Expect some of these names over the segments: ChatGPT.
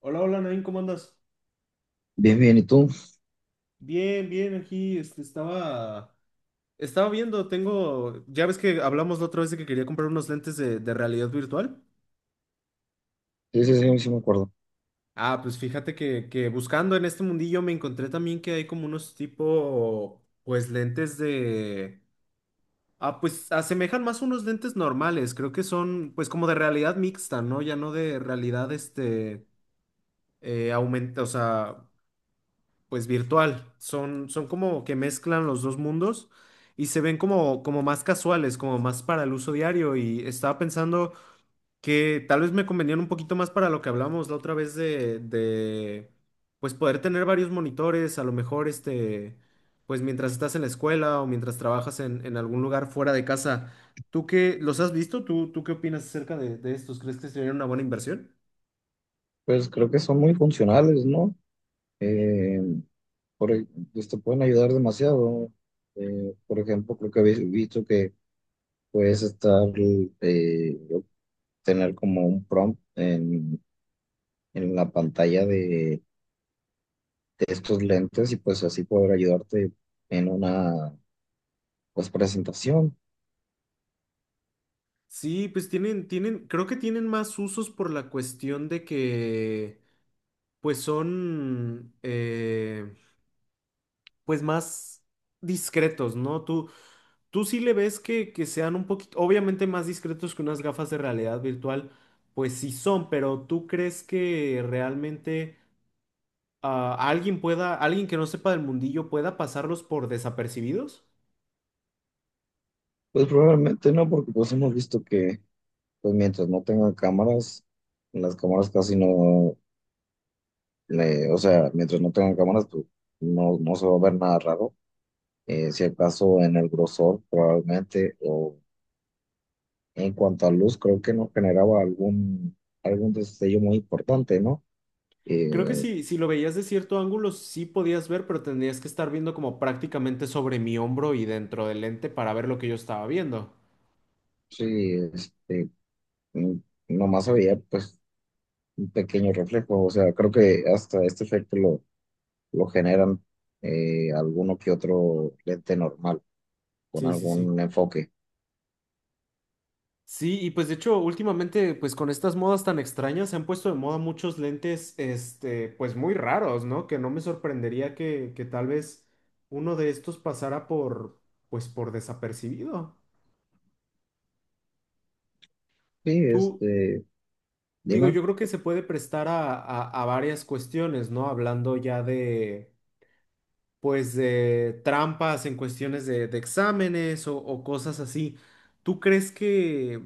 Hola, hola, Nain, ¿cómo andas? Bien, bien, ¿y tú? Bien, bien, aquí estaba viendo, tengo, ya ves que hablamos la otra vez de que quería comprar unos lentes de realidad virtual. Sí, sí, sí, sí me acuerdo. Pues fíjate que buscando en este mundillo me encontré también que hay como unos tipo, pues lentes de, ah, pues asemejan más unos lentes normales, creo que son pues como de realidad mixta, ¿no? Ya no de realidad, aumenta, o sea, pues virtual. Son, son como que mezclan los dos mundos y se ven como, como más casuales, como más para el uso diario. Y estaba pensando que tal vez me convenían un poquito más para lo que hablamos la otra vez de pues poder tener varios monitores, a lo mejor este, pues mientras estás en la escuela o mientras trabajas en algún lugar fuera de casa. ¿Tú qué los has visto? ¿Tú, qué opinas acerca de estos? ¿Crees que sería una buena inversión? Pues creo que son muy funcionales, ¿no? Eh, por, e- pues, te pueden ayudar demasiado. Por ejemplo, creo que habéis visto que puedes estar, eh, obtener como un prompt en la pantalla de estos lentes y pues así poder ayudarte en una, pues, presentación. Sí, pues tienen, tienen, creo que tienen más usos por la cuestión de que, pues son, pues más discretos, ¿no? Tú sí le ves que sean un poquito, obviamente más discretos que unas gafas de realidad virtual, pues sí son, pero ¿tú crees que realmente alguien pueda, alguien que no sepa del mundillo pueda pasarlos por desapercibidos? Pues probablemente no, porque pues hemos visto que, pues mientras no tengan cámaras, las cámaras casi no le- o sea, mientras no tengan cámaras, pues no, no se va a ver nada raro. Si acaso en el grosor, probablemente, o en cuanto a luz, creo que no generaba algún destello muy importante, ¿no? Creo que Eh, sí, si lo veías de cierto ángulo, sí podías ver, pero tendrías que estar viendo como prácticamente sobre mi hombro y dentro del lente para ver lo que yo estaba viendo. sí, este, mm, nomás había pues un pequeño reflejo, o sea, creo que hasta este efecto lo generan alguno que otro lente normal, con Sí, sí, sí. algún enfoque. Sí, y pues de hecho, últimamente, pues con estas modas tan extrañas, se han puesto de moda muchos lentes, este, pues muy raros, ¿no? Que no me sorprendería que tal vez uno de estos pasara por, pues por desapercibido. Sí, Tú, este, digo, dime. yo creo que se puede prestar a varias cuestiones, ¿no? Hablando ya de pues de trampas en cuestiones de exámenes o cosas así. ¿Tú crees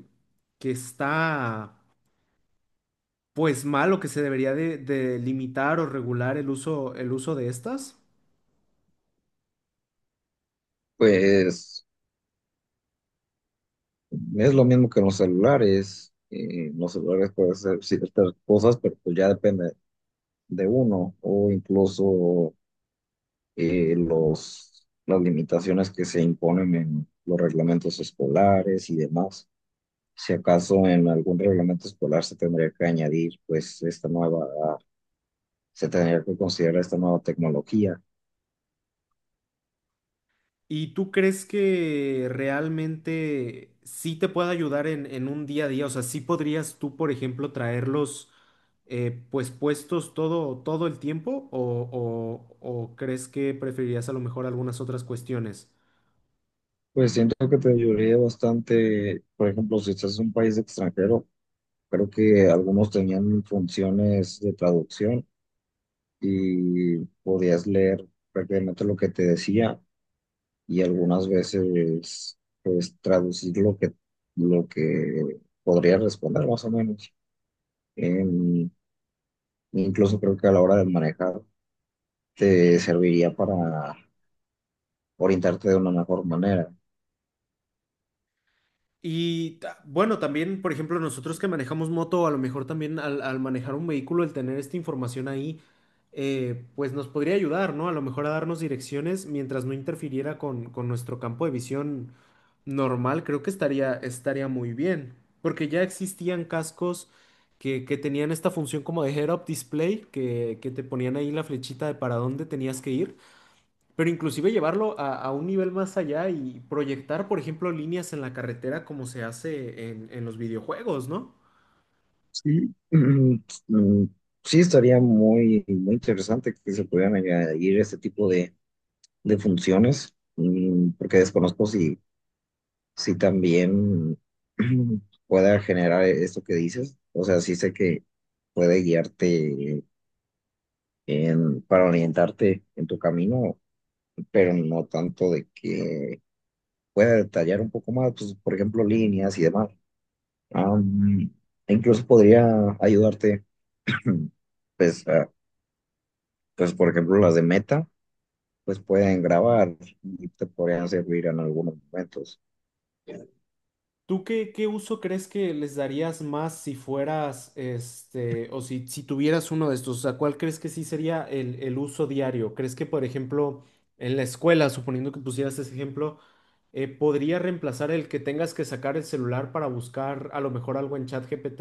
que está pues mal o que se debería de limitar o regular el uso de estas? Pues es lo mismo que en los celulares. En los celulares puedes hacer ciertas cosas, pero pues ya depende de uno o incluso las limitaciones que se imponen en los reglamentos escolares y demás. Si acaso en algún reglamento escolar se tendría que añadir pues esta nueva, se tendría que considerar esta nueva tecnología. ¿Y tú crees que realmente sí te puede ayudar en un día a día? O sea, sí podrías tú, por ejemplo, traerlos pues puestos todo, todo el tiempo o, o crees que preferirías a lo mejor algunas otras cuestiones? Pues siento que te ayudaría bastante, por ejemplo, si estás en un país extranjero, creo que algunos tenían funciones de traducción y podías leer prácticamente lo que te decía y algunas veces pues traducir lo que podría responder más o menos. Em, Incluso creo que a la hora de manejar te serviría para orientarte de una mejor manera. Bueno, también, por ejemplo, nosotros que manejamos moto, a lo mejor también al, al manejar un vehículo, el tener esta información ahí, pues nos podría ayudar, ¿no? A lo mejor a darnos direcciones mientras no interfiriera con nuestro campo de visión normal, creo que estaría, estaría muy bien, porque ya existían cascos que tenían esta función como de head-up display, que te ponían ahí la flechita de para dónde tenías que ir. Pero inclusive llevarlo a un nivel más allá y proyectar, por ejemplo, líneas en la carretera como se hace en los videojuegos, ¿no? Sí, mm, sí estaría muy interesante que se pudieran añadir este tipo de funciones, porque desconozco si sí, también pueda generar esto que dices. O sea, sí sé que puede guiarte para orientarte en tu camino, pero no tanto de que pueda detallar un poco más, pues, por ejemplo, líneas y demás. Am, E incluso podría ayudarte, pues, a- pues, por ejemplo, las de meta, pues pueden grabar y te podrían servir en algunos momentos. ¿Tú qué, qué uso crees que les darías más si fueras, este, o si, si tuvieras uno de estos? O sea, ¿cuál crees que sí sería el uso diario? ¿Crees que, por ejemplo, en la escuela, suponiendo que pusieras ese ejemplo, podría reemplazar el que tengas que sacar el celular para buscar a lo mejor algo en ChatGPT?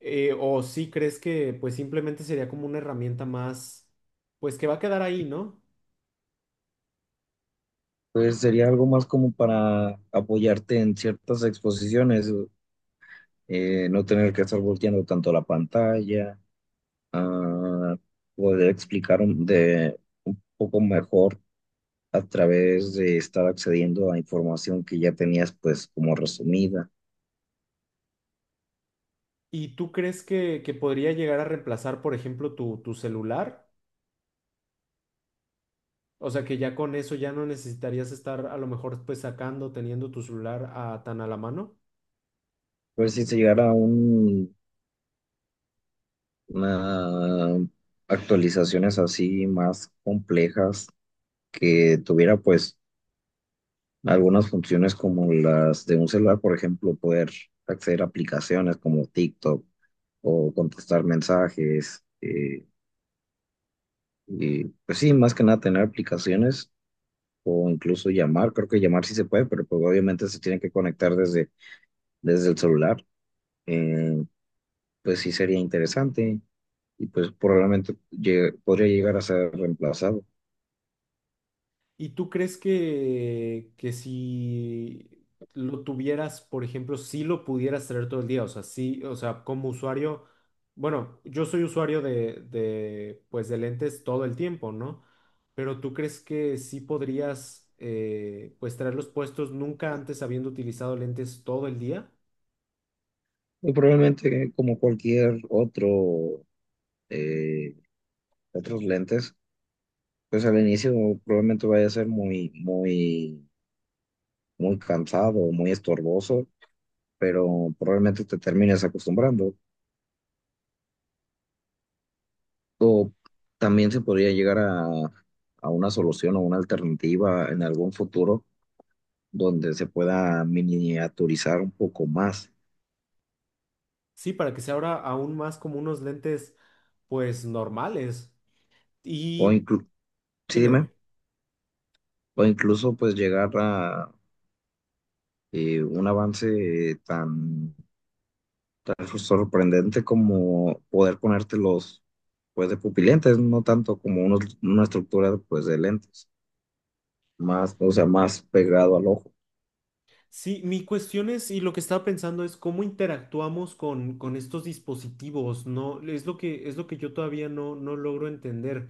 O sí, crees que pues simplemente sería como una herramienta más, pues que va a quedar ahí, ¿no? Pues sería algo más como para apoyarte en ciertas exposiciones, no tener que estar volteando tanto la pantalla, ah, poder explicar un poco mejor a través de estar accediendo a información que ya tenías pues como resumida. ¿Y tú crees que podría llegar a reemplazar, por ejemplo, tu celular? O sea, que ya con eso ya no necesitarías estar a lo mejor pues sacando, teniendo tu celular tan a la mano. Pues si se una actualizaciones así más complejas que tuviera pues algunas funciones como las de un celular, por ejemplo, poder acceder a aplicaciones como TikTok o contestar mensajes. Y pues sí, más que nada tener aplicaciones o incluso llamar. Creo que llamar sí se puede, pero pues obviamente se tiene que conectar desde el celular. Eh, pues sí sería interesante y pues podría llegar a ser reemplazado. ¿Y tú crees que si lo tuvieras, por ejemplo, si lo pudieras traer todo el día? O sea, sí, o sea, como usuario, bueno, yo soy usuario de, pues, de lentes todo el tiempo, ¿no? Pero ¿tú crees que sí podrías, pues, traerlos puestos nunca antes habiendo utilizado lentes todo el día? Y probablemente como cualquier otro, eh, otros lentes. Pues al inicio probablemente vaya a ser muy cansado, muy estorboso, pero probablemente te termines acostumbrando. O también se podría a una solución o una alternativa en algún futuro donde se pueda miniaturizar un poco más. Sí, para que sea ahora aún más como unos lentes, pues, normales. O Y inclu Sí, dime, dime. dime. O incluso pues llegar a un avance tan sorprendente como poder ponértelos pues de pupilentes, no tanto como una estructura pues de lentes, más, o sea, más pegado al ojo. Sí, mi cuestión es, y lo que estaba pensando es cómo interactuamos con estos dispositivos, ¿no? Es lo que yo todavía no, no logro entender.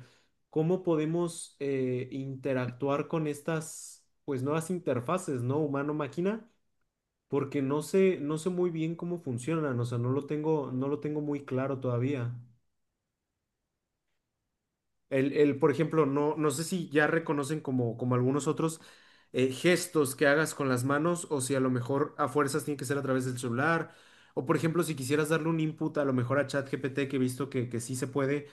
¿Cómo podemos interactuar con estas, pues, nuevas interfaces, ¿no? Humano-máquina, porque no sé, no sé muy bien cómo funcionan, o sea, no lo tengo, no lo tengo muy claro todavía. El, por ejemplo, no, no sé si ya reconocen como, como algunos otros gestos que hagas con las manos o si a lo mejor a fuerzas tiene que ser a través del celular. O por ejemplo, si quisieras darle un input a lo mejor a ChatGPT, que he visto que sí se puede,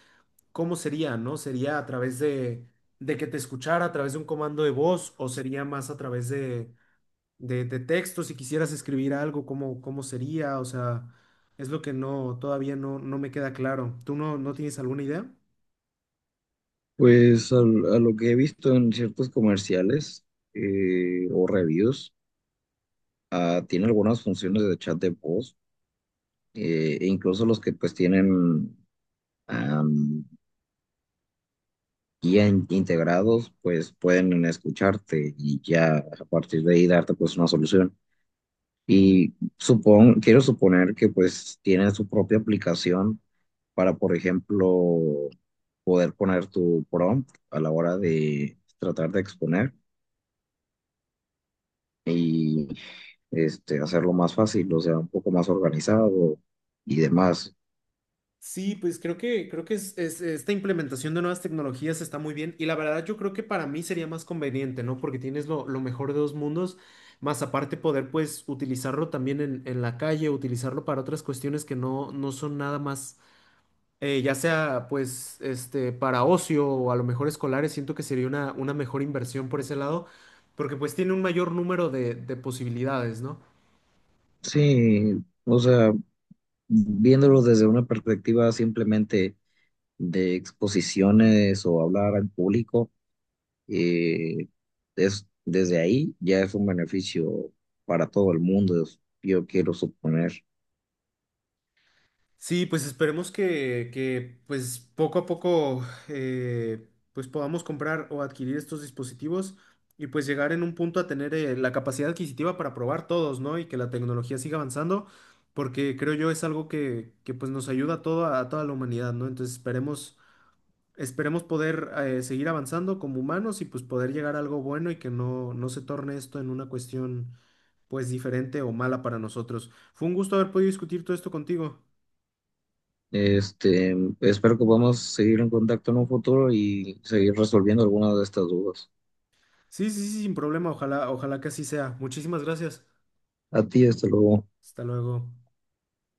¿cómo sería, no? ¿Sería a través de que te escuchara, a través de un comando de voz o sería más a través de, de texto? Si quisieras escribir algo, ¿cómo, cómo sería? O sea, es lo que no, todavía no, no me queda claro. ¿Tú no, no tienes alguna idea? Pues a lo que he visto en ciertos comerciales o reviews, tiene algunas funciones de chat de voz, e incluso los que pues tienen am, guía integrados, pues pueden escucharte y ya a partir de ahí darte pues una solución. Y supon, quiero suponer que pues tienen su propia aplicación para, por ejemplo, poder poner tu prompt a la hora de tratar de exponer y este, hacerlo más fácil, o sea, un poco más organizado y demás. Sí, pues creo que esta implementación de nuevas tecnologías está muy bien y la verdad yo creo que para mí sería más conveniente, ¿no? Porque tienes lo mejor de dos mundos, más aparte poder pues utilizarlo también en la calle, utilizarlo para otras cuestiones que no, no son nada más, ya sea pues este, para ocio o a lo mejor escolares, siento que sería una mejor inversión por ese lado, porque pues tiene un mayor número de posibilidades, ¿no? Sí, o sea, viéndolo desde una perspectiva simplemente de exposiciones o hablar al público. Eh, Desde ahí ya es un beneficio para todo el mundo, es- yo quiero suponer. Sí, pues esperemos que, pues poco a poco eh, pues podamos comprar o adquirir estos dispositivos y pues llegar en un punto a tener la capacidad adquisitiva para probar todos, ¿no? Y que la tecnología siga avanzando, porque creo yo es algo que, pues nos ayuda a todo, a toda la humanidad, ¿no? Entonces esperemos, esperemos poder seguir avanzando como humanos y pues poder llegar a algo bueno y que no, no se torne esto en una cuestión pues diferente o mala para nosotros. Fue un gusto haber podido discutir todo esto contigo. Este, espero que podamos seguir en contacto en un futuro y seguir resolviendo algunas de estas dudas. Sí, sí, sí, sin problema. Ojalá, ojalá que así sea. Muchísimas gracias. A ti, hasta luego. Hasta luego.